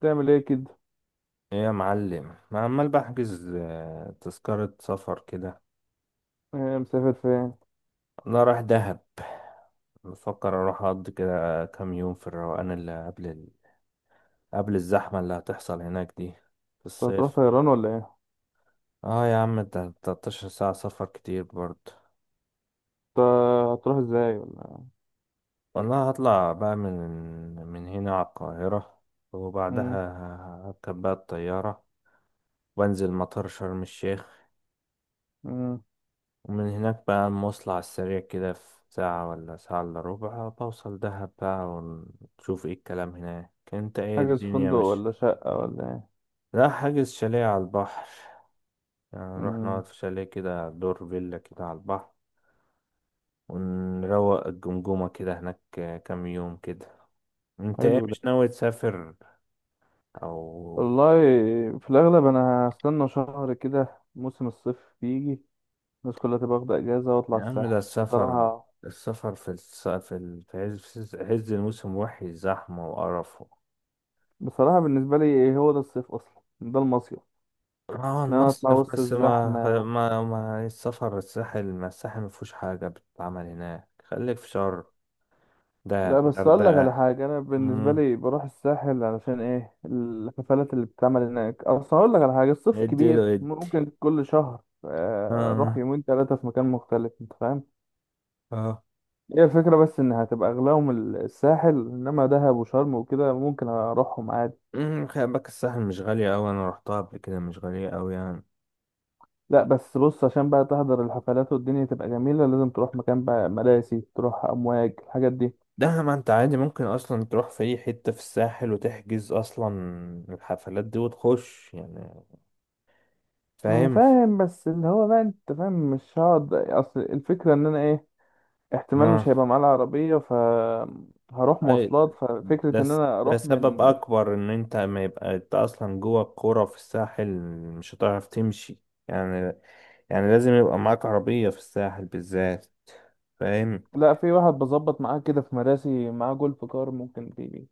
تعمل ايه كده؟ ايه يا معلم؟ ما عمال بحجز تذكرة سفر كده. إيه مسافر فين؟ انا رايح دهب. بفكر اروح اقضي كده كام يوم في الروقان اللي قبل قبل الزحمة اللي هتحصل هناك دي في انت هتروح الصيف. طيران ولا ايه؟ اه يا عم، ده 13 ساعة سفر كتير برضه. انت هتروح ازاي ولا ايه؟ والله هطلع بقى من هنا على القاهرة، مم. وبعدها هركب بقى الطيارة وانزل مطار شرم الشيخ. مم. ومن هناك بقى المواصلة على السريع كده في ساعة ولا ساعة إلا ربع بوصل دهب بقى، ونشوف ايه الكلام هناك. انت ايه حاجز الدنيا فندق مش؟ ولا شقة ولا ايه؟ لا، حاجز شاليه على البحر، يعني نروح نقعد مم. في شاليه كده، دور فيلا كده على البحر، ونروق الجمجمة كده هناك كام يوم كده. انت ايه حلو ده. مش ناوي تسافر؟ او، والله، في الاغلب انا هستنى شهر كده موسم الصيف بيجي، الناس كلها تبقى واخدة اجازة واطلع يا عم الساحل ده السفر، بصراحة. السفر في الس... في ال- في عز في عز الموسم وحش، زحمة وقرف. بصراحة بالنسبة لي هو ده الصيف اصلا، ده المصيف. اه ان انا اطلع المصيف، وسط بس ما الزحمة. ما ما السفر الساحل، ما الساحل ما فيهوش حاجة بتتعمل هناك، خليك في شرم، دهب، لا بس اقول لك على غردقة. حاجه، انا بالنسبه مم، لي بروح الساحل علشان ايه؟ الحفلات اللي بتتعمل هناك اصلا. اقول لك على حاجه، الصيف ادي له كبير، ادي. ممكن كل شهر اروح اه. يومين 3 في مكان مختلف، انت فاهم. اه. هي الفكره بس ان هتبقى اغلاهم الساحل، انما دهب وشرم وكده ممكن اروحهم عادي. مم، خلي بالك الساحل مش غالية أوي، أنا روحتها قبل كده، مش غالية أوي يعني. لا بس بص، عشان بقى تحضر الحفلات والدنيا تبقى جميله لازم تروح مكان بقى مراسي، تروح امواج، الحاجات دي. ده ما أنت عادي ممكن أصلا تروح في أي حتة في الساحل وتحجز أصلا الحفلات دي وتخش يعني. انا فاهم؟ فاهم بس اللي هو بقى، انت فاهم مش هقعد، اصل الفكره ان انا ايه، احتمال اه. مش هيبقى معاه العربية، ف هروح أي، مواصلات، ففكرة ان انا ده اروح سبب من. أكبر إن أنت ما يبقى أنت أصلا جوه الكورة في الساحل، مش هتعرف تمشي يعني. يعني لازم يبقى معاك عربية في الساحل بالذات، فاهم. لا في واحد بظبط معاه كده في مراسي، معاه جولف كار ممكن تيجي،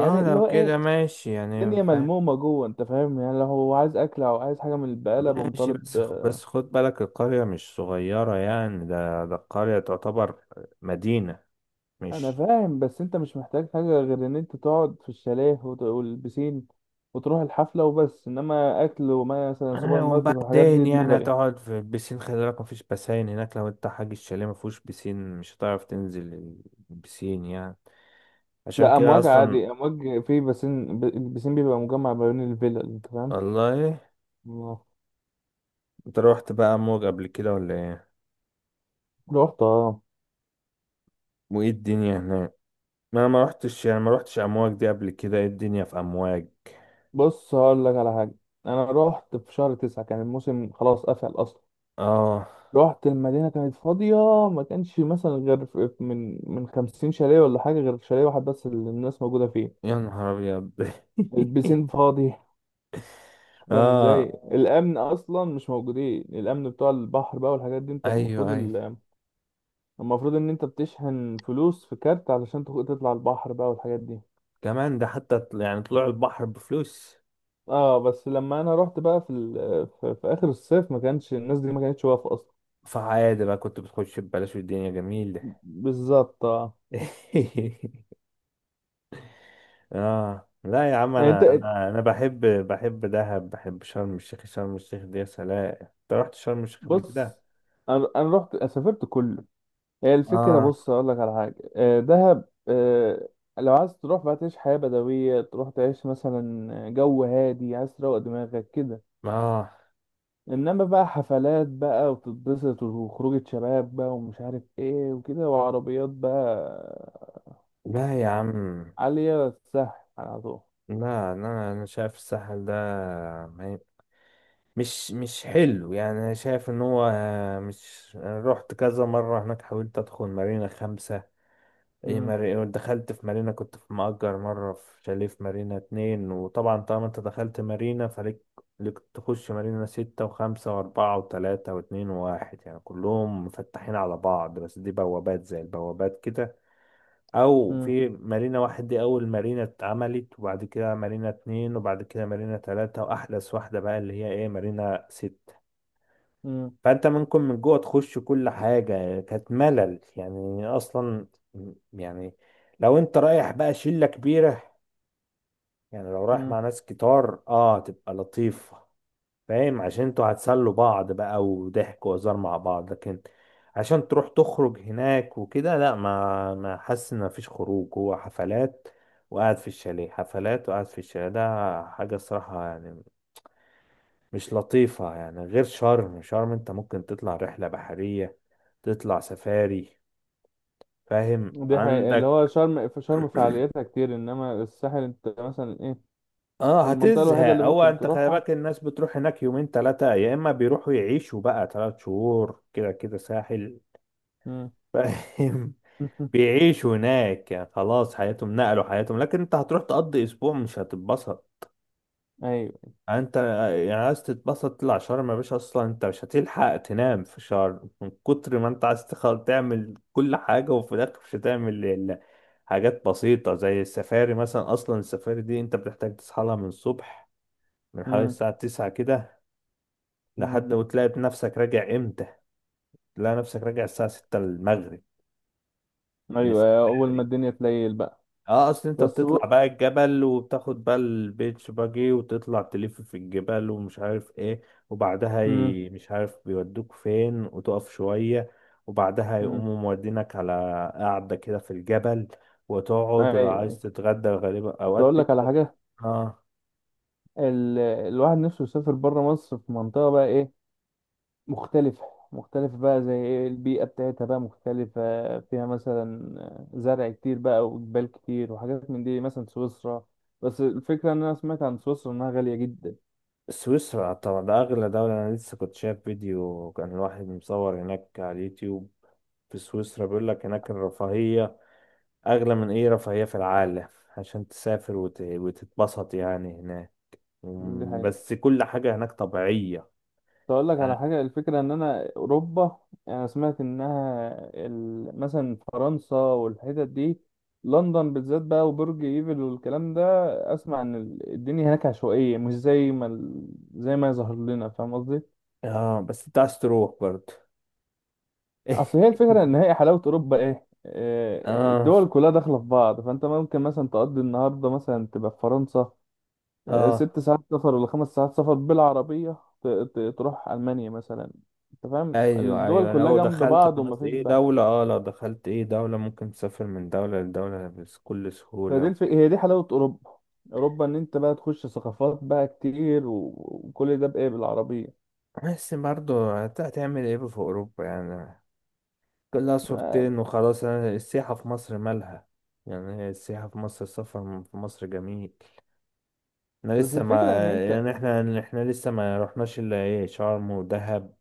اه اللي لو هو كده ايه، ماشي يعني، الدنيا فاهم. ملمومة جوه انت فاهم، يعني لو هو عايز اكل او عايز حاجة من البقالة بقوم ماشي، طالب. بس خد بالك القرية مش صغيرة يعني، ده القرية تعتبر مدينة، انا مش؟ فاهم بس انت مش محتاج حاجة غير ان انت تقعد في الشاليه والبسين، وتروح الحفلة وبس، انما اكل ومثلا سوبر ماركت والحاجات دي وبعدين يعني دليفري. هتقعد في البسين، خلي بالك مفيش بسين هناك، لو انت حاج الشاليه مفهوش بسين مش هتعرف تنزل البسين يعني. عشان لا كده امواج اصلا. عادي، امواج في بسين، البسين بيبقى مجمع ما بين الفيلا انت فاهم. والله. آه. انت روحت بقى امواج قبل كده ولا ايه؟ رحت اه. وايه الدنيا هناك؟ ما انا ما روحتش يعني، ما روحتش امواج دي قبل كده، ايه الدنيا في امواج؟ بص هقول لك على حاجة، أنا رحت في شهر 9 كان الموسم خلاص قفل أصلا. اه. رحت المدينة كانت فاضية، ما كانش مثلا غير في- من 50 شاليه ولا حاجة، غير شاليه واحد بس اللي الناس موجودة فيه. يا نهار ابيض البسين فاضي، فاهم اه. ازاي؟ الأمن أصلا مش موجودين، الأمن بتوع البحر بقى والحاجات دي، أنت المفروض ايوه ايوه. المفروض إن أنت بتشحن فلوس في كارت علشان تطلع البحر بقى والحاجات دي. كمان ده حتى يعني طلوع البحر بفلوس. اه بس لما انا رحت بقى في اخر الصيف ما كانش الناس دي ما كانتش واقفه اصلا. فعادي بقى، كنت بتخش ببلاش والدنيا جميلة. بالظبط اه. اه، لا يا عم، يعني انا انا انا بحب، بحب دهب، بحب شرم الشيخ. شرم الشيخ دي يا سلام. انت رحت شرم الشيخ قبل كده؟ بص، انا رحت سافرت كله. هي الفكره، اه. بص اقول لك على حاجه، دهب لو عايز تروح بقى تعيش حياه بدويه، تروح تعيش مثلا جو هادي، عايز تروق دماغك كده. اه. انما بقى حفلات بقى وتتبسط وخروجه شباب بقى ومش عارف ايه وكده وعربيات بقى، لا يا عم، عاليه سهل، على طول. لا، انا شايف الساحل ده، ما- مش حلو يعني. انا شايف ان هو مش، أنا رحت كذا مره هناك، حاولت ادخل مارينا خمسة، ايه مم. مارينا؟ دخلت في مارينا، كنت في مأجر مره في شاليه في مارينا اتنين. وطبعا طالما انت دخلت مارينا فليك، ليك تخش مارينا ستة وخمسة وأربعة وتلاتة واتنين وواحد، يعني كلهم مفتحين على بعض، بس دي بوابات زي البوابات كده. او مم. في مارينا واحد، دي اول مارينا اتعملت، وبعد كده مارينا اتنين، وبعد كده مارينا تلاتة، واحدث واحدة بقى اللي هي ايه، مارينا ست. مم. فانت ممكن من جوه تخش كل حاجة يعني، كانت ملل يعني اصلا يعني. لو انت رايح بقى شلة كبيرة، يعني لو رايح مم. مع ناس كتار، اه تبقى لطيفة. فاهم، عشان انتوا هتسلوا بعض بقى، وضحك وهزار مع بعض. لكن عشان تروح تخرج هناك وكده، لا ما حاسس ان مفيش خروج، هو حفلات وقاعد في الشاليه، حفلات وقاعد في الشاليه، ده حاجة الصراحة يعني مش لطيفة يعني. غير شرم، شرم انت ممكن تطلع رحلة بحرية، تطلع سفاري، فاهم دي حقيقة، اللي هو عندك. شرم، في شرم فعالياتها كتير، انما الساحل انت مثلا ايه، اه المنطقة الوحيدة هتزهق. اللي هو ممكن انت خلي تروحها. بالك الناس بتروح هناك يومين تلاتة، يا اما بيروحوا يعيشوا بقى تلات شهور كده، كده ساحل. مم. فاهم، بيعيشوا هناك يعني خلاص حياتهم، نقلوا حياتهم. لكن انت هتروح تقضي اسبوع مش هتتبسط ايوه. يعني. انت يعني عايز تتبسط تطلع شرم يا باشا. اصلا انت مش هتلحق تنام في شرم من كتر ما انت عايز تعمل كل حاجة، وفي الاخر مش هتعمل الا حاجات بسيطة زي السفاري مثلا. اصلا السفاري دي انت بتحتاج تصحى لها من الصبح، من حوالي مم. الساعة 9 كده، مم. لحد وتلاقي نفسك راجع امتى؟ تلاقي نفسك راجع الساعة 6 المغرب من ايوه، اول ما السفاري. الدنيا تليل بقى. اه اصل انت بس ب... بتطلع بقى الجبل، وبتاخد بقى البيتش باجي، وتطلع تلف في الجبال ومش عارف ايه. وبعدها مم. مش عارف بيودوك فين، وتقف شوية، وبعدها مم. يقوموا مودينك على قعدة كده في الجبل، وتقعد، ايوه ولو عايز أيوة. تتغدى غالبا بس اوقات اقول لك على بيبقى. حاجة، اه، الواحد نفسه يسافر بره مصر في منطقة بقى ايه، مختلفة. مختلفة بقى، زي ايه؟ البيئة بتاعتها بقى مختلفة، فيها مثلا زرع كتير بقى وجبال كتير وحاجات من دي، مثلا سويسرا. بس الفكرة ان انا سمعت عن سويسرا انها غالية جدا. سويسرا طبعا ده اغلى دولة، انا لسه كنت شايف فيديو كان الواحد مصور هناك على اليوتيوب في سويسرا، بيقول لك هناك الرفاهية أغلى من أي رفاهية في العالم عشان تسافر وتتبسط يعني هناك. دي مم، حقيقة. بس كل حاجة هناك طبيعية اقول لك على يعني. حاجه، الفكره ان انا اوروبا، يعني انا سمعت انها مثلا فرنسا والحتت دي، لندن بالذات بقى، وبرج ايفل والكلام ده. اسمع ان الدنيا هناك عشوائيه، مش زي ما زي ما يظهر لنا، فاهم قصدي. اه بس أنت عايز تروح برضه. اصل هي الفكره، ان هي حلاوه اوروبا ايه، اه. الدول كلها داخله في بعض، فانت ممكن مثلا تقضي النهارده مثلا تبقى في فرنسا، اه. 6 ساعات سفر ولا 5 ساعات سفر بالعربية، تروح ألمانيا مثلا، أنت فاهم ايوه الدول ايوه، كلها لو جنب دخلت بعض خلاص ومفيش ايه بقى. دولة، اه لو دخلت ايه دولة ممكن تسافر من دولة لدولة بكل سهولة وكده. هي دي حلاوة أوروبا، أوروبا إن أنت بقى تخش ثقافات بقى كتير وكل ده بإيه؟ بالعربية. بس برضه هتعمل ايه في اوروبا يعني؟ كلها ما- صورتين وخلاص يعني، السياحة في مصر مالها؟ يعني هي السياحة في مصر، السفر في مصر جميل، احنا بس لسه ما، الفكرة إن أنت، يعني احنا لسه ما رحناش الا ايه، شرم ودهب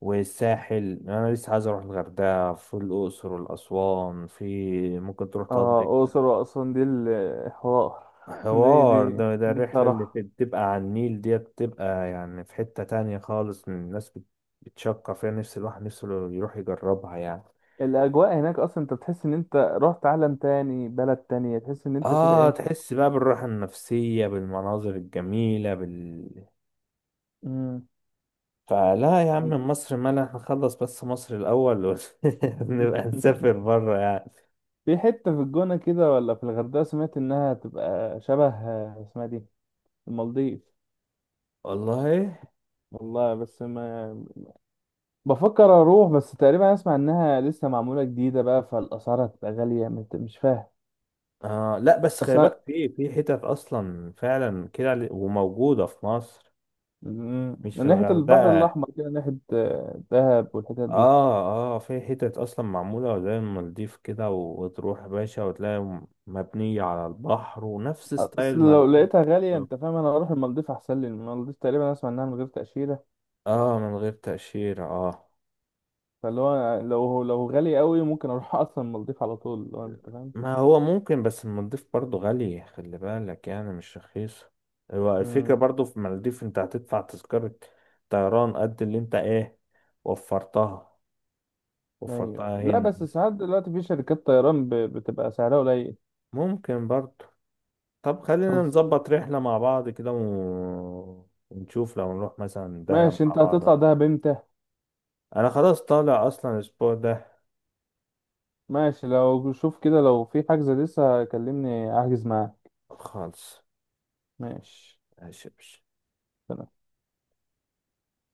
والساحل. انا لسه عايز اروح الغردقه، في الاقصر والاسوان، في ممكن تروح آه تقضي أقصر وأسوان دي الحوار. دي حوار. دي ده دي الرحله اللي بصراحة، بتبقى على النيل ديت، بتبقى يعني في حته تانية خالص من الناس بتشكر فيها نفس الواحد، نفسه يروح يجربها يعني. الأجواء هناك أصلا أنت بتحس إن أنت رحت عالم تاني، بلد تانية تحس إن أنت كده اه إيه. تحس بقى بالراحه النفسيه بالمناظر الجميله. مم. فلا يا عم، مصر مالها، احنا نخلص بس مصر الأول نبقى نسافر بره يعني. في حتة في الجونة كده ولا في الغردقة سمعت إنها تبقى شبه اسمها دي المالديف. والله. والله بس ما بفكر أروح، بس تقريبا أسمع إنها لسه معمولة جديدة بقى، فالأسعار هتبقى غالية مش فاهم. آه لا، بس خلي أصل بالك في حتت أصلا فعلا كده، وموجودة في مصر، مش في من ناحية البحر الغردقة. الأحمر كده ناحية دهب والحتت دي. اه اه، في حتت أصلا معمولة زي المالديف كده، وتروح يا باشا وتلاقي مبنية على البحر، ونفس ستايل أصل لو المالديف. لقيتها غالية بالظبط. أنت فاهم، أنا هروح المالديف أحسن لي، المالديف تقريبا أسمع إنها من غير تأشيرة. اه من غير تأشيرة اه. فاللي هو لو غالي قوي ممكن أروح أصلا المالديف على طول لو أنت ما هو ممكن، بس المالديف برضو غالية خلي بالك، يعني مش رخيصة. هو الفكرة فاهم. برضو في المالديف انت هتدفع تذكرة طيران قد اللي انت ايه، وفرتها، ايوه وفرتها لا هنا. بس ساعات دلوقتي في شركات طيران بتبقى سعرها قليل. ممكن برضو. طب خلينا خلصان. نظبط رحلة مع بعض كده ونشوف لو نروح مثلا دهب ماشي، مع انت بعض. هتطلع دهب امتى؟ انا خلاص طالع اصلا الاسبوع ده. ماشي، لو شوف كده لو في حجز لسه كلمني احجز معاه. خالص. ماشي. ماشي يا باشا.